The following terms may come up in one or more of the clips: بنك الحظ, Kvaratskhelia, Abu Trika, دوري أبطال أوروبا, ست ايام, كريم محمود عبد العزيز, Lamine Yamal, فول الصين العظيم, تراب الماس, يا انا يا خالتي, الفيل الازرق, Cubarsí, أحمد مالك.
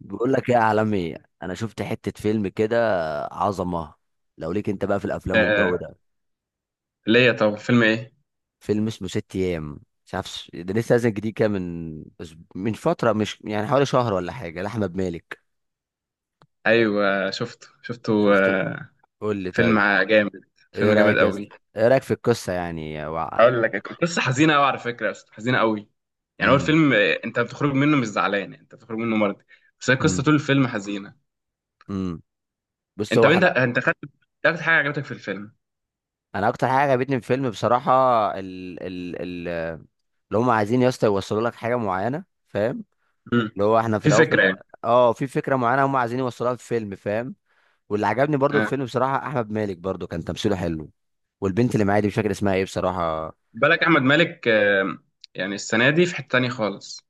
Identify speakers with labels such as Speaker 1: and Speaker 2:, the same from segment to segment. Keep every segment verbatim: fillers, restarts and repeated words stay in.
Speaker 1: بقول لك ايه يا عالمي؟ انا شفت حتة فيلم كده، عظمة. لو ليك انت بقى في الافلام والجو
Speaker 2: آه،
Speaker 1: ده،
Speaker 2: ليا طبعا فيلم ايه؟
Speaker 1: فيلم اسمه ست ايام. مش عارف، ش- ده لسه نازل جديد كده من أس- من فترة، مش يعني، حوالي شهر ولا حاجة، لأحمد مالك.
Speaker 2: ايوه شفته شفته.
Speaker 1: شفته.
Speaker 2: آه،
Speaker 1: قول لي
Speaker 2: فيلم
Speaker 1: طيب.
Speaker 2: جامد.
Speaker 1: ايه
Speaker 2: فيلم جامد
Speaker 1: رأيك يا اسطى؟
Speaker 2: قوي.
Speaker 1: ايه رأيك في القصة يعني وع...
Speaker 2: اقول لك، كنت قصه حزينه قوي على فكره، بس حزينه قوي. يعني هو
Speaker 1: امم.
Speaker 2: الفيلم آه، انت بتخرج منه مش زعلان، يعني انت بتخرج منه مرضي. بس هي القصه
Speaker 1: امم.
Speaker 2: طول الفيلم حزينه.
Speaker 1: امم. بص،
Speaker 2: انت
Speaker 1: هو
Speaker 2: انت
Speaker 1: حلقة.
Speaker 2: انت خدت، خدت حاجه عجبتك في الفيلم؟
Speaker 1: انا اكتر حاجة عجبتني في الفيلم بصراحة، ال ال ال اللي هم عايزين يا اسطى يوصلوا لك حاجة معينة، فاهم؟
Speaker 2: مم.
Speaker 1: اللي هو احنا في
Speaker 2: في
Speaker 1: الاول في
Speaker 2: فكره يعني.
Speaker 1: الأ- اه في فكره معينه هم عايزين يوصلوها في الفيلم، فاهم؟ واللي عجبني برضو في
Speaker 2: آه.
Speaker 1: الفيلم بصراحه، احمد مالك برضو كان تمثيله حلو. والبنت اللي معايا دي مش فاكر اسمها ايه بصراحه.
Speaker 2: بالك احمد مالك، آه، يعني السنه دي في حته تانيه خالص.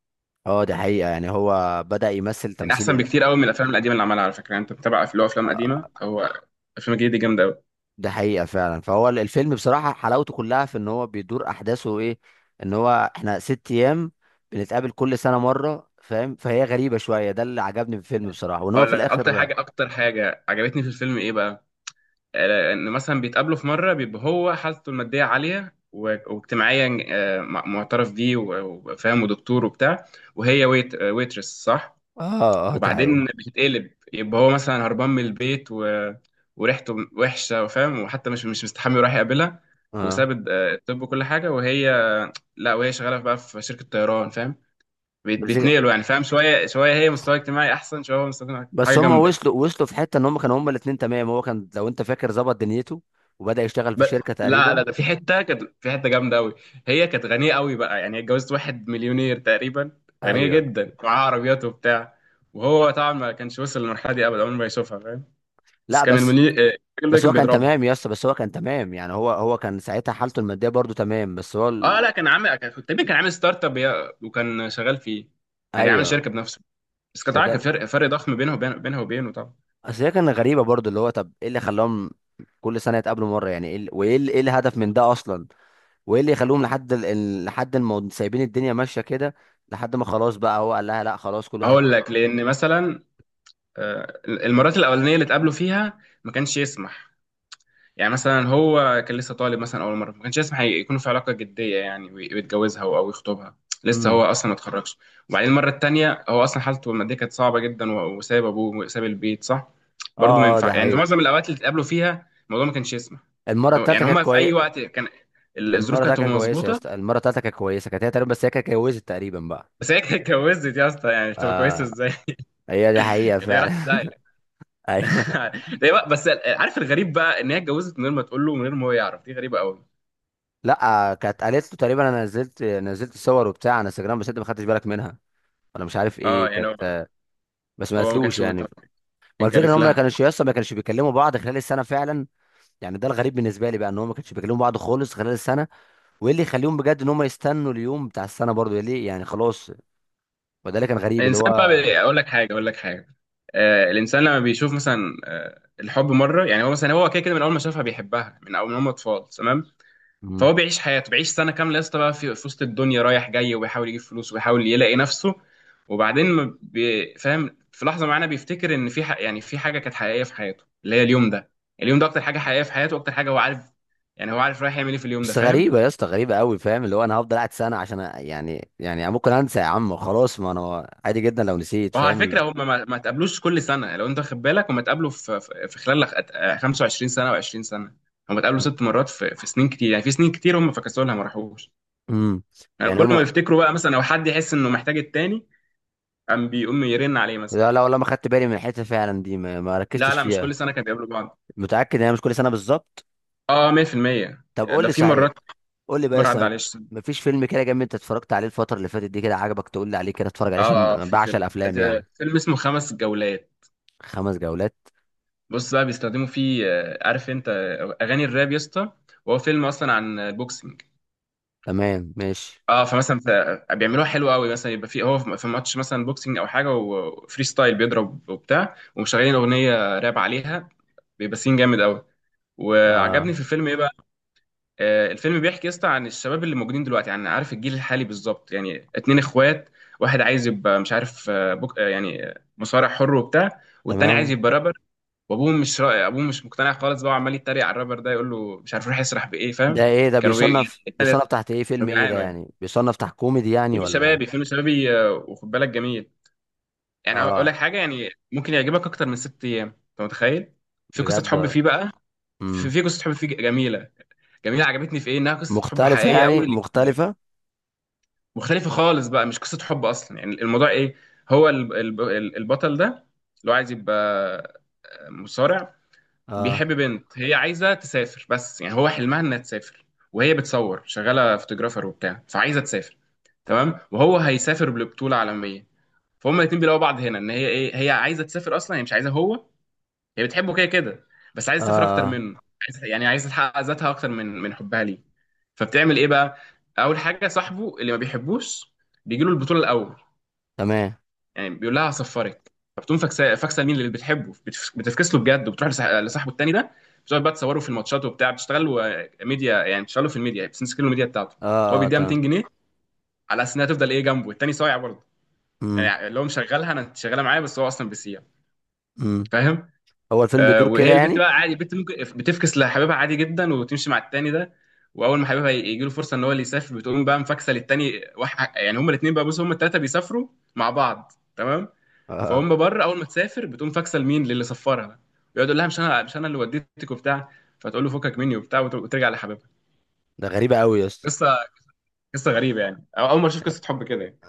Speaker 1: اه، دي حقيقه. يعني هو بدأ يمثل
Speaker 2: يعني
Speaker 1: تمثيل
Speaker 2: احسن
Speaker 1: ايه ده!
Speaker 2: بكتير قوي من الافلام القديمه اللي عملها، على فكره يعني انت متابع أف- له افلام قديمه؟
Speaker 1: آه،
Speaker 2: هو الافلام الجديده دي جامده قوي.
Speaker 1: ده حقيقه فعلا. فهو ال- الفيلم بصراحه حلاوته كلها في ان هو بيدور احداثه ايه. ان هو احنا ست ايام بنتقابل كل سنه مره، فاهم؟ فهي غريبه شويه. ده اللي عجبني في الفيلم بصراحه، وان هو
Speaker 2: اقول
Speaker 1: في
Speaker 2: لك اكتر
Speaker 1: الاخر، اه.
Speaker 2: حاجه، اكتر حاجه عجبتني في الفيلم ايه بقى. آه، ان مثلا بيتقابلوا في مره بيبقى هو حالته الماديه عاليه، و- واجتماعيا آه، م- معترف بيه، و- وفاهم ودكتور وبتاع، وهي ويت آه، ويترس، صح.
Speaker 1: اه، دي
Speaker 2: وبعدين
Speaker 1: حقيقه.
Speaker 2: اه بتتقلب، يبقى هو مثلا هربان من البيت و... وريحته وحشه وفاهم، وحتى مش مش مستحمي، وراح يقابلها.
Speaker 1: اه،
Speaker 2: وساب الد- آه، الطب وكل حاجه. وهي، لا، وهي شغاله بقى في شركه طيران، فاهم؟ بيت-
Speaker 1: بس
Speaker 2: بيتنقلوا يعني، فاهم؟ شويه شويه، هي مستوى اجتماعي احسن شويه، هو مستوى اجتماعي، حاجه
Speaker 1: بس هم
Speaker 2: جامده.
Speaker 1: وصلوا وصلوا في حته، ان هم كانوا هم الاثنين تمام. هو كان، لو انت فاكر، ظبط دنيته وبدا يشتغل في
Speaker 2: بس،
Speaker 1: شركه
Speaker 2: لا لا،
Speaker 1: تقريبا.
Speaker 2: ده في حته، كانت في حته جامده قوي. هي كانت غنيه قوي بقى، يعني اتجوزت واحد مليونير تقريبا. غنيه
Speaker 1: ايوه.
Speaker 2: جدا، معاه عربيات وبتاع. وهو طبعا ما كانش وصل للمرحله دي ابدا، عمره ما يشوفها، فاهم؟ بس
Speaker 1: لا،
Speaker 2: كان
Speaker 1: بس.
Speaker 2: المليونير آه، الراجل ده
Speaker 1: بس
Speaker 2: كان
Speaker 1: هو كان
Speaker 2: بيضربها.
Speaker 1: تمام يا اسطى، بس هو كان تمام، يعني هو هو كان ساعتها حالته الماديه برضو تمام، بس هو
Speaker 2: اه
Speaker 1: ال...
Speaker 2: لا، كان عامل، كان تقريبا كان عامل ستارت اب ي- وكان شغال فيه. يعني عامل
Speaker 1: ايوه.
Speaker 2: شركه بنفسه. بس كان طبعا كان
Speaker 1: فده.
Speaker 2: فرق فرق ضخم بينه وبين، بينها وبينه طبعا.
Speaker 1: اصل هي كانت غريبه برضو، اللي هو طب ايه اللي خلاهم كل سنه يتقابلوا مره؟ يعني ايه ال- وايه ال- ايه الهدف من ده اصلا؟ وايه اللي يخليهم لحد ال... ال- لحد ما سايبين الدنيا ماشيه كده، لحد ما خلاص بقى هو قال لها لا خلاص كل واحد.
Speaker 2: اقول لك، لان مثلا آه، المرات الاولانيه اللي اتقابلوا فيها ما كانش يسمح. يعني مثلا هو كان لسه طالب مثلا اول مره، ما كانش يسمح يكونوا في علاقه جديه يعني، وي- ويتجوزها او أو يخطبها. لسه هو
Speaker 1: امم.
Speaker 2: اصلا ما اتخرجش. وبعدين المره التانيه هو اصلا حالته الماديه كانت صعبه جدا، و- وساب ابوه وساب البيت، صح. برضه ما
Speaker 1: اه، اه، ده
Speaker 2: ينفع. يعني
Speaker 1: حقيقي.
Speaker 2: معظم الاوقات اللي اتقابلوا فيها الموضوع ما كانش يسمح.
Speaker 1: المره التالتة
Speaker 2: يعني
Speaker 1: كانت
Speaker 2: هما في اي
Speaker 1: كويسه.
Speaker 2: وقت كان، الظروف
Speaker 1: المره بتاعتك
Speaker 2: كانت
Speaker 1: كانت
Speaker 2: هتبقى
Speaker 1: كويسه يا
Speaker 2: مظبوطه.
Speaker 1: اسطى، المره بتاعتك كانت كويسه. كانت هي تقريبا، بس هي كانت اتجوزت تقريبا بقى.
Speaker 2: بس هي كانت اتجوزت، يا اسطى، يعني تبقى كويسه
Speaker 1: اه.
Speaker 2: ازاي؟
Speaker 1: هي دي حقيقه
Speaker 2: كانت هي
Speaker 1: فعلا.
Speaker 2: راحت في داهيه.
Speaker 1: ايوه.
Speaker 2: ده بقى- بس، عارف الغريب بقى ان هي اتجوزت من غير ما تقول له، من غير ما هو يعرف، دي غريبه قوي.
Speaker 1: لا، كانت قالت له تقريبا، انا نزلت نزلت صور وبتاع على انستجرام، بس انت ما خدتش بالك منها. انا مش عارف
Speaker 2: اه
Speaker 1: ايه
Speaker 2: يعني هو،
Speaker 1: كانت. بس ما
Speaker 2: هو ما
Speaker 1: قالتلوش
Speaker 2: كانش
Speaker 1: يعني.
Speaker 2: مهتم.
Speaker 1: ما الفكره ان
Speaker 2: انكرف
Speaker 1: هم ما
Speaker 2: لها.
Speaker 1: كانوش يسطا، ما كانوش بيكلموا بعض خلال السنه فعلا. يعني ده الغريب بالنسبه لي بقى، ان هم ما كانوش بيكلموا بعض خالص خلال السنه. وايه اللي يخليهم بجد ان هم يستنوا اليوم بتاع السنه برضو؟ ليه يعني؟ خلاص. وده اللي كان غريب اللي
Speaker 2: الانسان بقى
Speaker 1: هو.
Speaker 2: بي- اقول لك حاجه، اقول لك حاجه آه، الانسان لما بيشوف مثلا آه الحب مره. يعني هو مثلا هو كده كده من اول ما شافها بيحبها، من اول ما هم اطفال، تمام. فهو بيعيش حياته، بيعيش سنه كامله، يا اسطى، بقى في في وسط الدنيا رايح جاي، وبيحاول يجيب فلوس، وبيحاول يلاقي نفسه. وبعدين ما بي- فاهم في لحظه معينه بيفتكر ان في ح... يعني في حاجه كانت حقيقيه في حياته، اللي هي اليوم ده. اليوم ده اكتر حاجه حقيقيه في حياته، واكتر حاجه هو عارف. يعني هو عارف رايح يعمل ايه في اليوم ده،
Speaker 1: بس
Speaker 2: فاهم؟
Speaker 1: غريبة يا اسطى، غريبة قوي، فاهم؟ اللي هو انا هفضل قاعد سنة عشان أ- يعني يعني ممكن انسى يا عم. خلاص، ما انا عادي جدا لو نسيت،
Speaker 2: وهو على
Speaker 1: فاهم
Speaker 2: فكره
Speaker 1: اللي...
Speaker 2: هم ما ما تقابلوش كل سنه، يعني لو انت واخد بالك، هم اتقابلوا في في في خلال أت- خمسة وعشرين سنه و20 سنه، هم اتقابلوا ست مرات. في في سنين كتير، يعني في سنين كتير هم فكسوا لها، ما راحوش.
Speaker 1: امم.
Speaker 2: يعني
Speaker 1: يعني
Speaker 2: كل ما
Speaker 1: هما.
Speaker 2: يفتكروا بقى، مثلا لو حد يحس انه محتاج التاني، قام بيقوم يرن عليه مثلا.
Speaker 1: لا لا، والله ما خدت بالي من الحتة فعلا دي، ما, ما
Speaker 2: لا
Speaker 1: ركزتش
Speaker 2: لا مش
Speaker 1: فيها.
Speaker 2: كل سنه كانوا بيقابلوا بعض.
Speaker 1: متأكد ان هي مش كل سنة بالظبط؟
Speaker 2: اه مائة في المائة.
Speaker 1: طب قول
Speaker 2: ده
Speaker 1: لي
Speaker 2: في
Speaker 1: صحيح.
Speaker 2: مرات
Speaker 1: قول لي بقى يا
Speaker 2: مره عدى
Speaker 1: اسطى،
Speaker 2: عليه سنه.
Speaker 1: مفيش فيلم كده جامد انت اتفرجت عليه الفترة اللي فاتت دي كده عجبك، تقول لي عليه كده اتفرج عليه،
Speaker 2: اه
Speaker 1: عشان
Speaker 2: آه، آه،
Speaker 1: انا
Speaker 2: في
Speaker 1: بعشق
Speaker 2: فيلم،
Speaker 1: الافلام
Speaker 2: ده
Speaker 1: يعني؟
Speaker 2: فيلم اسمه خمس جولات.
Speaker 1: خمس جولات؟
Speaker 2: بص بقى، بيستخدموا فيه آه، عارف انت آه، اغاني الراب، يا اسطى؟ وهو فيلم اصلا عن البوكسنج.
Speaker 1: تمام، ماشي.
Speaker 2: اه فمثلا ف- بيعملوها حلو قوي. مثلا يبقى في هو في ماتش مثلا بوكسنج او حاجه، وفري ستايل بيضرب وبتاع، ومشغلين اغنيه راب عليها. بيبقى سين جامد قوي.
Speaker 1: اه،
Speaker 2: وعجبني في الفيلم ايه بقى، آه الفيلم بيحكي، يا اسطى، عن الشباب اللي موجودين دلوقتي، يعني عارف الجيل الحالي بالظبط. يعني اتنين اخوات، واحد عايز يبقى، مش عارف آه، بوك آه، يعني آه، مصارع حر وبتاع، والتاني عايز
Speaker 1: تمام.
Speaker 2: يبقى رابر. وابوه مش، رأي ابوه مش مقتنع خالص بقى، وعمال يتريق على الرابر ده، يقول له مش عارف يروح يسرح بايه،
Speaker 1: ده
Speaker 2: فاهم؟
Speaker 1: ايه ده؟
Speaker 2: كانوا بي...
Speaker 1: بيصنف
Speaker 2: يعني
Speaker 1: بيصنف تحت ايه؟ فيلم
Speaker 2: كانوا
Speaker 1: ايه ده
Speaker 2: بيعانوا يعني.
Speaker 1: يعني؟ بيصنف تحت كوميدي يعني
Speaker 2: فيلم
Speaker 1: ولا؟
Speaker 2: شبابي فيلم شبابي آه، وخد بالك، جميل. يعني اقول
Speaker 1: اه،
Speaker 2: لك حاجه، يعني ممكن يعجبك اكتر من ست ايام، انت متخيل؟ في قصه
Speaker 1: بجد.
Speaker 2: حب فيه بقى.
Speaker 1: امم.
Speaker 2: في, في قصه حب فيه جميله. جميله، عجبتني في ايه؟ انها قصه حب
Speaker 1: مختلفة،
Speaker 2: حقيقيه
Speaker 1: يعني
Speaker 2: قوي اللي جديده.
Speaker 1: مختلفة.
Speaker 2: مختلفه خالص بقى، مش قصه حب اصلا. يعني الموضوع ايه، هو ال- ال- ال- البطل ده اللي هو عايز يبقى مصارع،
Speaker 1: اه، اه،
Speaker 2: بيحب بنت هي عايزه تسافر. بس يعني هو حلمها انها تسافر، وهي بتصور، شغاله فوتوغرافر وبتاع، فعايزه تسافر، تمام؟ وهو هيسافر لبطوله عالميه. فهم الاتنين بيلاقوا بعض هنا، ان هي ايه، هي عايزه تسافر اصلا، هي مش عايزه هو. هي بتحبه كده كده، بس عايزه تسافر اكتر
Speaker 1: آه.
Speaker 2: منه. عايزة يعني عايزه تحقق ذاتها اكتر من من حبها ليه. فبتعمل ايه بقى، اول حاجه صاحبه اللي ما بيحبوش بيجي له البطوله الاول.
Speaker 1: تمام.
Speaker 2: يعني بيقول لها هصفرك. فبتقوم فاكسه، فاكسه مين اللي بتحبه، بتف- بتفكس له بجد، وبتروح لصاح- لصاحبه التاني ده. بتقعد بقى تصوره في الماتشات وبتاع، بتشتغلوا ميديا. يعني بتشتغلوا في الميديا، بتمسكوا الميديا بتاعته.
Speaker 1: اه،
Speaker 2: هو
Speaker 1: اه،
Speaker 2: بيديها 200
Speaker 1: تمام.
Speaker 2: جنيه على اساس انها تفضل ايه جنبه. التاني صايع برضه،
Speaker 1: امم.
Speaker 2: يعني اللي هو مشغلها، انا انت شغاله معايا، بس هو اصلا بيسيع،
Speaker 1: امم.
Speaker 2: فاهم؟
Speaker 1: هو الفيلم
Speaker 2: آه
Speaker 1: بيدور كده
Speaker 2: وهي البت
Speaker 1: يعني؟
Speaker 2: بقى عادي، البت ممكن بتفكس لحبيبها عادي جدا، وبتمشي مع التاني ده. واول ما حبيبها يجي له فرصه ان هو اللي يسافر، بتقوم بقى مفكسه للتاني، وح... يعني هما الاثنين بقى، بص، هما الثلاثه بيسافروا مع بعض، تمام.
Speaker 1: اه، آه.
Speaker 2: فهم بره، اول ما تسافر بتقوم فاكسه لمين، للي سفرها. ويقعد يقول لها مش انا، مش انا اللي وديتك وبتاع. فتقول له فكك مني وبتاع، وت- وترجع لحبيبها.
Speaker 1: ده غريبة قوي يا اسطى.
Speaker 2: قصه، قصه غريبه يعني، أو اول مره اشوف قصه حب كده يعني.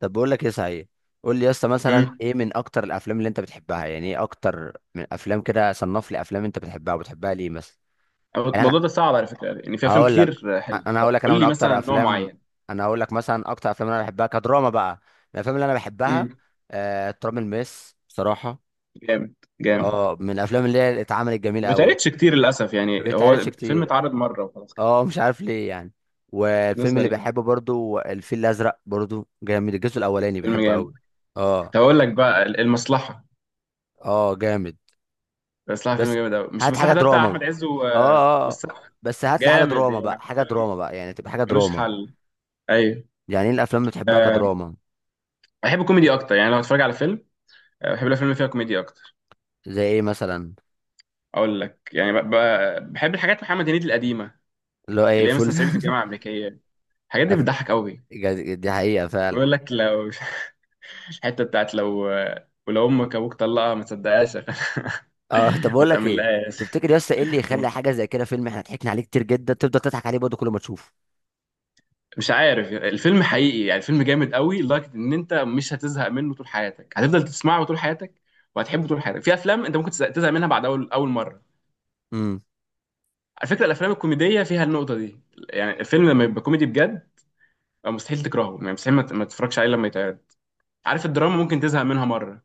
Speaker 1: طب بقول لك ايه، صحيح. قول لي يا اسطى مثلا
Speaker 2: امم،
Speaker 1: ايه من اكتر الافلام اللي انت بتحبها؟ يعني ايه اكتر من افلام كده؟ صنف لي افلام انت بتحبها وبتحبها ليه مثلا.
Speaker 2: أو
Speaker 1: يعني انا
Speaker 2: الموضوع ده صعب على فكره، يعني في افلام
Speaker 1: هقول لك.
Speaker 2: كتير حلوه،
Speaker 1: انا
Speaker 2: طب
Speaker 1: هقول لك انا
Speaker 2: قول
Speaker 1: من
Speaker 2: لي مثلا
Speaker 1: اكتر
Speaker 2: نوع
Speaker 1: افلام.
Speaker 2: معين.
Speaker 1: انا هقول لك مثلا اكتر افلام انا بحبها كدراما بقى، الافلام اللي انا بحبها.
Speaker 2: امم.
Speaker 1: آه، تراب الماس، بصراحة.
Speaker 2: جامد. جامد.
Speaker 1: اه، من الافلام اللي هي اتعملت جميله
Speaker 2: ما
Speaker 1: قوي.
Speaker 2: اتعرضش كتير للاسف،
Speaker 1: ما
Speaker 2: يعني
Speaker 1: بيتعرضش
Speaker 2: هو فيلم
Speaker 1: كتير.
Speaker 2: اتعرض مره وخلاص كده.
Speaker 1: اه، مش عارف ليه يعني.
Speaker 2: ناس
Speaker 1: والفيلم اللي
Speaker 2: غريب.
Speaker 1: بحبه برضو، الفيل الازرق، برضو جامد. الجزء الاولاني
Speaker 2: فيلم
Speaker 1: بحبه
Speaker 2: جامد.
Speaker 1: قوي. اه.
Speaker 2: طب اقول لك بقى ال- المصلحه.
Speaker 1: اه، جامد.
Speaker 2: المصلحه فيلم
Speaker 1: بس
Speaker 2: جامد قوي، مش
Speaker 1: هات حاجه
Speaker 2: المصلحه ده بتاع
Speaker 1: دراما. اه،
Speaker 2: احمد عز و...
Speaker 1: اه، آه.
Speaker 2: والسقا.
Speaker 1: بس هات لي حاجه
Speaker 2: جامد
Speaker 1: دراما بقى،
Speaker 2: يعني
Speaker 1: حاجه
Speaker 2: فيلم
Speaker 1: دراما بقى، يعني تبقى حاجه
Speaker 2: ملوش
Speaker 1: دراما.
Speaker 2: حل. ايوه.
Speaker 1: يعني ايه الافلام اللي بتحبها
Speaker 2: أه،
Speaker 1: كدراما؟
Speaker 2: بحب الكوميدي اكتر، يعني لو اتفرج على فيلم، أه، بحب الافلام اللي فيها كوميديا اكتر.
Speaker 1: زي ايه مثلا؟
Speaker 2: اقول لك، يعني ب... ب... بحب الحاجات محمد هنيدي القديمه،
Speaker 1: اللي هو ايه،
Speaker 2: اللي هي مثلا
Speaker 1: فول.
Speaker 2: صعيدي في الجامعه الامريكيه. الحاجات دي
Speaker 1: أف-
Speaker 2: بتضحك قوي.
Speaker 1: جد- دي حقيقه فعلا.
Speaker 2: بيقول لك لو الحته بتاعت لو، ولو امك ابوك طلقها ما تصدقهاش.
Speaker 1: اه. طب
Speaker 2: ما
Speaker 1: اقول لك ايه.
Speaker 2: تامنلهاش.
Speaker 1: تفتكر يا اسطى ايه اللي يخلي حاجه زي كده، فيلم احنا ضحكنا عليه كتير جدا تفضل تضحك عليه برضه كل ما تشوفه؟
Speaker 2: مش عارف الفيلم، حقيقي يعني الفيلم جامد قوي لدرجه ان انت مش هتزهق منه طول حياتك، هتفضل تسمعه طول حياتك وهتحبه طول حياتك. في افلام انت ممكن تزهق تزهق منها بعد اول اول مره.
Speaker 1: امم.
Speaker 2: على فكره الافلام الكوميديه فيها النقطه دي. يعني الفيلم لما يبقى كوميدي بجد، آه، مستحيل تكرهه، يعني مستحيل ما ت- ما تتفرجش عليه لما يتعرض. عارف الدراما ممكن تزهق منها مره.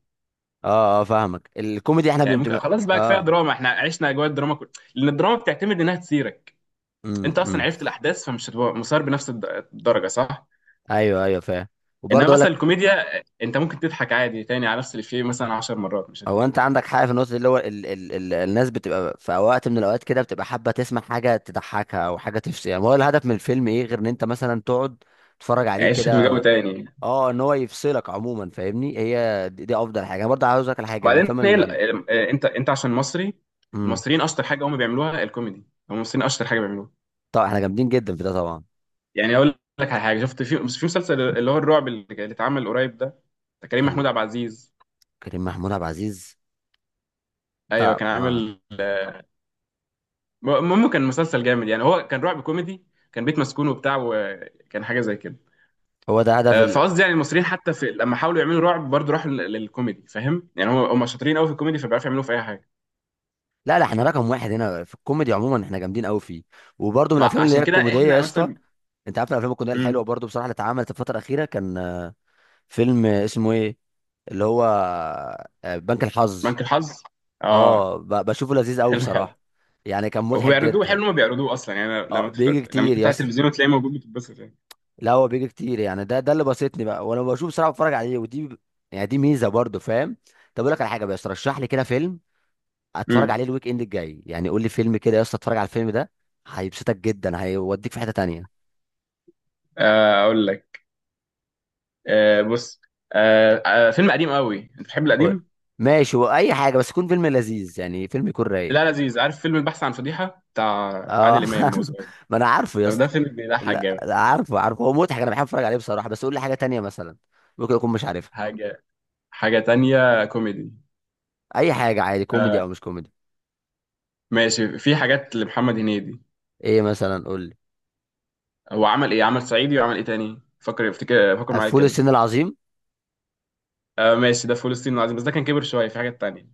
Speaker 1: اه، اه، فاهمك. الكوميدي احنا
Speaker 2: يعني ممكن
Speaker 1: بنبقى
Speaker 2: خلاص بقى، كفايه
Speaker 1: اه.
Speaker 2: دراما، احنا عشنا اجواء الدراما كل... لان الدراما بتعتمد انها تثيرك.
Speaker 1: امم.
Speaker 2: انت اصلا
Speaker 1: امم.
Speaker 2: عرفت الاحداث، فمش هتبقى مثار بنفس الد- الدرجه، صح.
Speaker 1: ايوه، ايوه، فاهم.
Speaker 2: انما
Speaker 1: وبرضه اقول
Speaker 2: مثلا
Speaker 1: لك،
Speaker 2: الكوميديا، انت ممكن تضحك عادي تاني على نفس الافيه مثلا عشر مرات مش
Speaker 1: هو
Speaker 2: هتزهق.
Speaker 1: انت عندك حق في النقطه دي، اللي هو ال ال ال الناس بتبقى في وقت من الاوقات كده بتبقى حابه تسمع حاجه تضحكها، او حاجه تفصل. يعني هو الهدف من الفيلم ايه غير ان انت مثلا تقعد تتفرج عليه
Speaker 2: يعيشك بجو
Speaker 1: كده؟
Speaker 2: تاني.
Speaker 1: اه، ان هو يفصلك عموما، فاهمني؟ هي دي, دي افضل حاجه. انا برضه عاوز اقول لك على حاجه من
Speaker 2: وبعدين
Speaker 1: الافلام
Speaker 2: هي ال-
Speaker 1: اللي.
Speaker 2: ال- إيه، انت، انت عشان مصري.
Speaker 1: امم.
Speaker 2: المصريين اشطر حاجه هم بيعملوها الكوميدي، هم المصريين اشطر حاجه بيعملوها.
Speaker 1: طبعا احنا جامدين جدا في ده طبعا.
Speaker 2: يعني اقول لك على حاجه شفت في، في مسلسل اللي هو الرعب، اللي اللي اتعمل قريب ده. ده كريم
Speaker 1: ال-
Speaker 2: محمود عبد العزيز.
Speaker 1: كريم محمود عبد العزيز.
Speaker 2: ايوه
Speaker 1: ده،
Speaker 2: كان
Speaker 1: آه.
Speaker 2: عامل، م- المهم كان مسلسل جامد، يعني هو كان رعب كوميدي. كان بيت مسكون وبتاع، وكان حاجه زي كده.
Speaker 1: هو ده هدف.
Speaker 2: آه، فقصدي يعني المصريين حتى في لما حاولوا يعملوا رعب برضه راحوا لل- للكوميدي، فاهم؟ يعني هم هم شاطرين قوي في الكوميدي، فبيعرفوا يعملوه في اي حاجه.
Speaker 1: لا لا، احنا رقم واحد هنا في الكوميدي عموما، احنا جامدين قوي فيه. وبرده من
Speaker 2: مع،
Speaker 1: الافلام اللي هي
Speaker 2: عشان كده
Speaker 1: الكوميديه يا
Speaker 2: احنا
Speaker 1: اسطى،
Speaker 2: مثلا.
Speaker 1: انت عارف الافلام الكوميديه
Speaker 2: امم.
Speaker 1: الحلوه برده بصراحه اللي اتعملت الفتره الاخيره، كان آه، فيلم اسمه ايه، اللي هو، آه، بنك الحظ.
Speaker 2: بنك الحظ، اه.
Speaker 1: اه، ب- بشوفه لذيذ قوي
Speaker 2: حلو، حلو.
Speaker 1: بصراحه. يعني كان مضحك
Speaker 2: وبيعرضوه
Speaker 1: جدا.
Speaker 2: حلو ما بيعرضوه اصلا. يعني
Speaker 1: اه،
Speaker 2: لما تفتح،
Speaker 1: بيجي
Speaker 2: لما
Speaker 1: كتير يا
Speaker 2: تفتح
Speaker 1: اسطى.
Speaker 2: التلفزيون وتلاقيه موجود، بتتبسط يعني.
Speaker 1: لا هو بيجي كتير يعني، ده ده اللي بسطني بقى وانا بشوف بصراحه بتفرج عليه، ودي يعني دي ميزه برده، فاهم؟ طب اقول لك على حاجه، بس رشح لي كده فيلم اتفرج
Speaker 2: امم.
Speaker 1: عليه الويك اند الجاي. يعني قول لي فيلم كده يا اسطى اتفرج على الفيلم ده هيبسطك جدا، هيوديك في حتة تانية.
Speaker 2: آه اقول لك، آه بص، آه آه فيلم قديم قوي، انت بتحب
Speaker 1: قول.
Speaker 2: القديم؟
Speaker 1: ماشي، واي حاجة، بس يكون فيلم لذيذ، يعني فيلم يكون رايق.
Speaker 2: لا، لذيذ. عارف فيلم البحث عن فضيحه بتاع عادل
Speaker 1: اه.
Speaker 2: امام وهو صغير؟
Speaker 1: ما انا عارفه يا
Speaker 2: طب ده
Speaker 1: اسطى.
Speaker 2: فيلم بيضحك
Speaker 1: لا
Speaker 2: جامد.
Speaker 1: لا، عارفه عارفه، هو مضحك، انا بحب اتفرج عليه بصراحة، بس قول لي حاجة تانية مثلا، ممكن اكون مش عارفها.
Speaker 2: حاجه، حاجه تانية كوميدي.
Speaker 1: اي حاجة عادي، كوميدي
Speaker 2: آه،
Speaker 1: او مش كوميدي.
Speaker 2: ماشي. في حاجات لمحمد هنيدي.
Speaker 1: ايه مثلا؟ قول لي.
Speaker 2: هو عمل ايه؟ عمل صعيدي، وعمل ايه تاني؟ فكر، افتكر، فكر
Speaker 1: آه،
Speaker 2: معايا
Speaker 1: فول
Speaker 2: كده.
Speaker 1: الصين العظيم.
Speaker 2: آه ماشي ده فلسطين العظيم، بس ده كان كبر شويه. في حاجات تانية.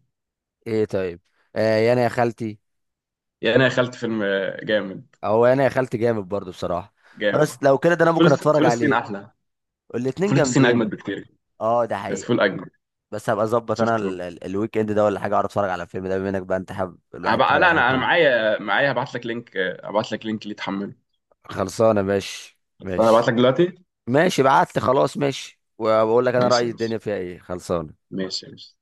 Speaker 1: ايه طيب. آه، يا انا يا خالتي.
Speaker 2: يعني انا دخلت فيلم آه، جامد.
Speaker 1: او يا انا يا خالتي جامد برضه بصراحة.
Speaker 2: جامد.
Speaker 1: بس لو كده ده انا ممكن
Speaker 2: فلس-
Speaker 1: اتفرج
Speaker 2: فلسطين
Speaker 1: عليه.
Speaker 2: احلى.
Speaker 1: الاتنين
Speaker 2: فلسطين
Speaker 1: جامدين.
Speaker 2: اجمد بكتير.
Speaker 1: اه، ده
Speaker 2: بس
Speaker 1: حقيقي.
Speaker 2: فول اجمد.
Speaker 1: بس هبقى اظبط انا
Speaker 2: شفته.
Speaker 1: ال- ال- الويك اند ده ولا حاجه، اعرف اتفرج على الفيلم ده، بما انك بقى انت حابب الواحد
Speaker 2: هبقى،
Speaker 1: يتفرج
Speaker 2: لا،
Speaker 1: على حاجه
Speaker 2: انا انا
Speaker 1: كوميدي.
Speaker 2: معايا معايا هبعت لك لينك، آه، هبعت لك لينك اللي تحمله.
Speaker 1: خلصانه، ماشي
Speaker 2: بس انا هبعت
Speaker 1: ماشي.
Speaker 2: لك دلوقتي.
Speaker 1: ماشي، بعت لي، خلاص، ماشي، وبقول لك انا
Speaker 2: ماشي،
Speaker 1: رايي
Speaker 2: ماشي.
Speaker 1: الدنيا فيها ايه. خلصانه.
Speaker 2: ماشي، ماشي.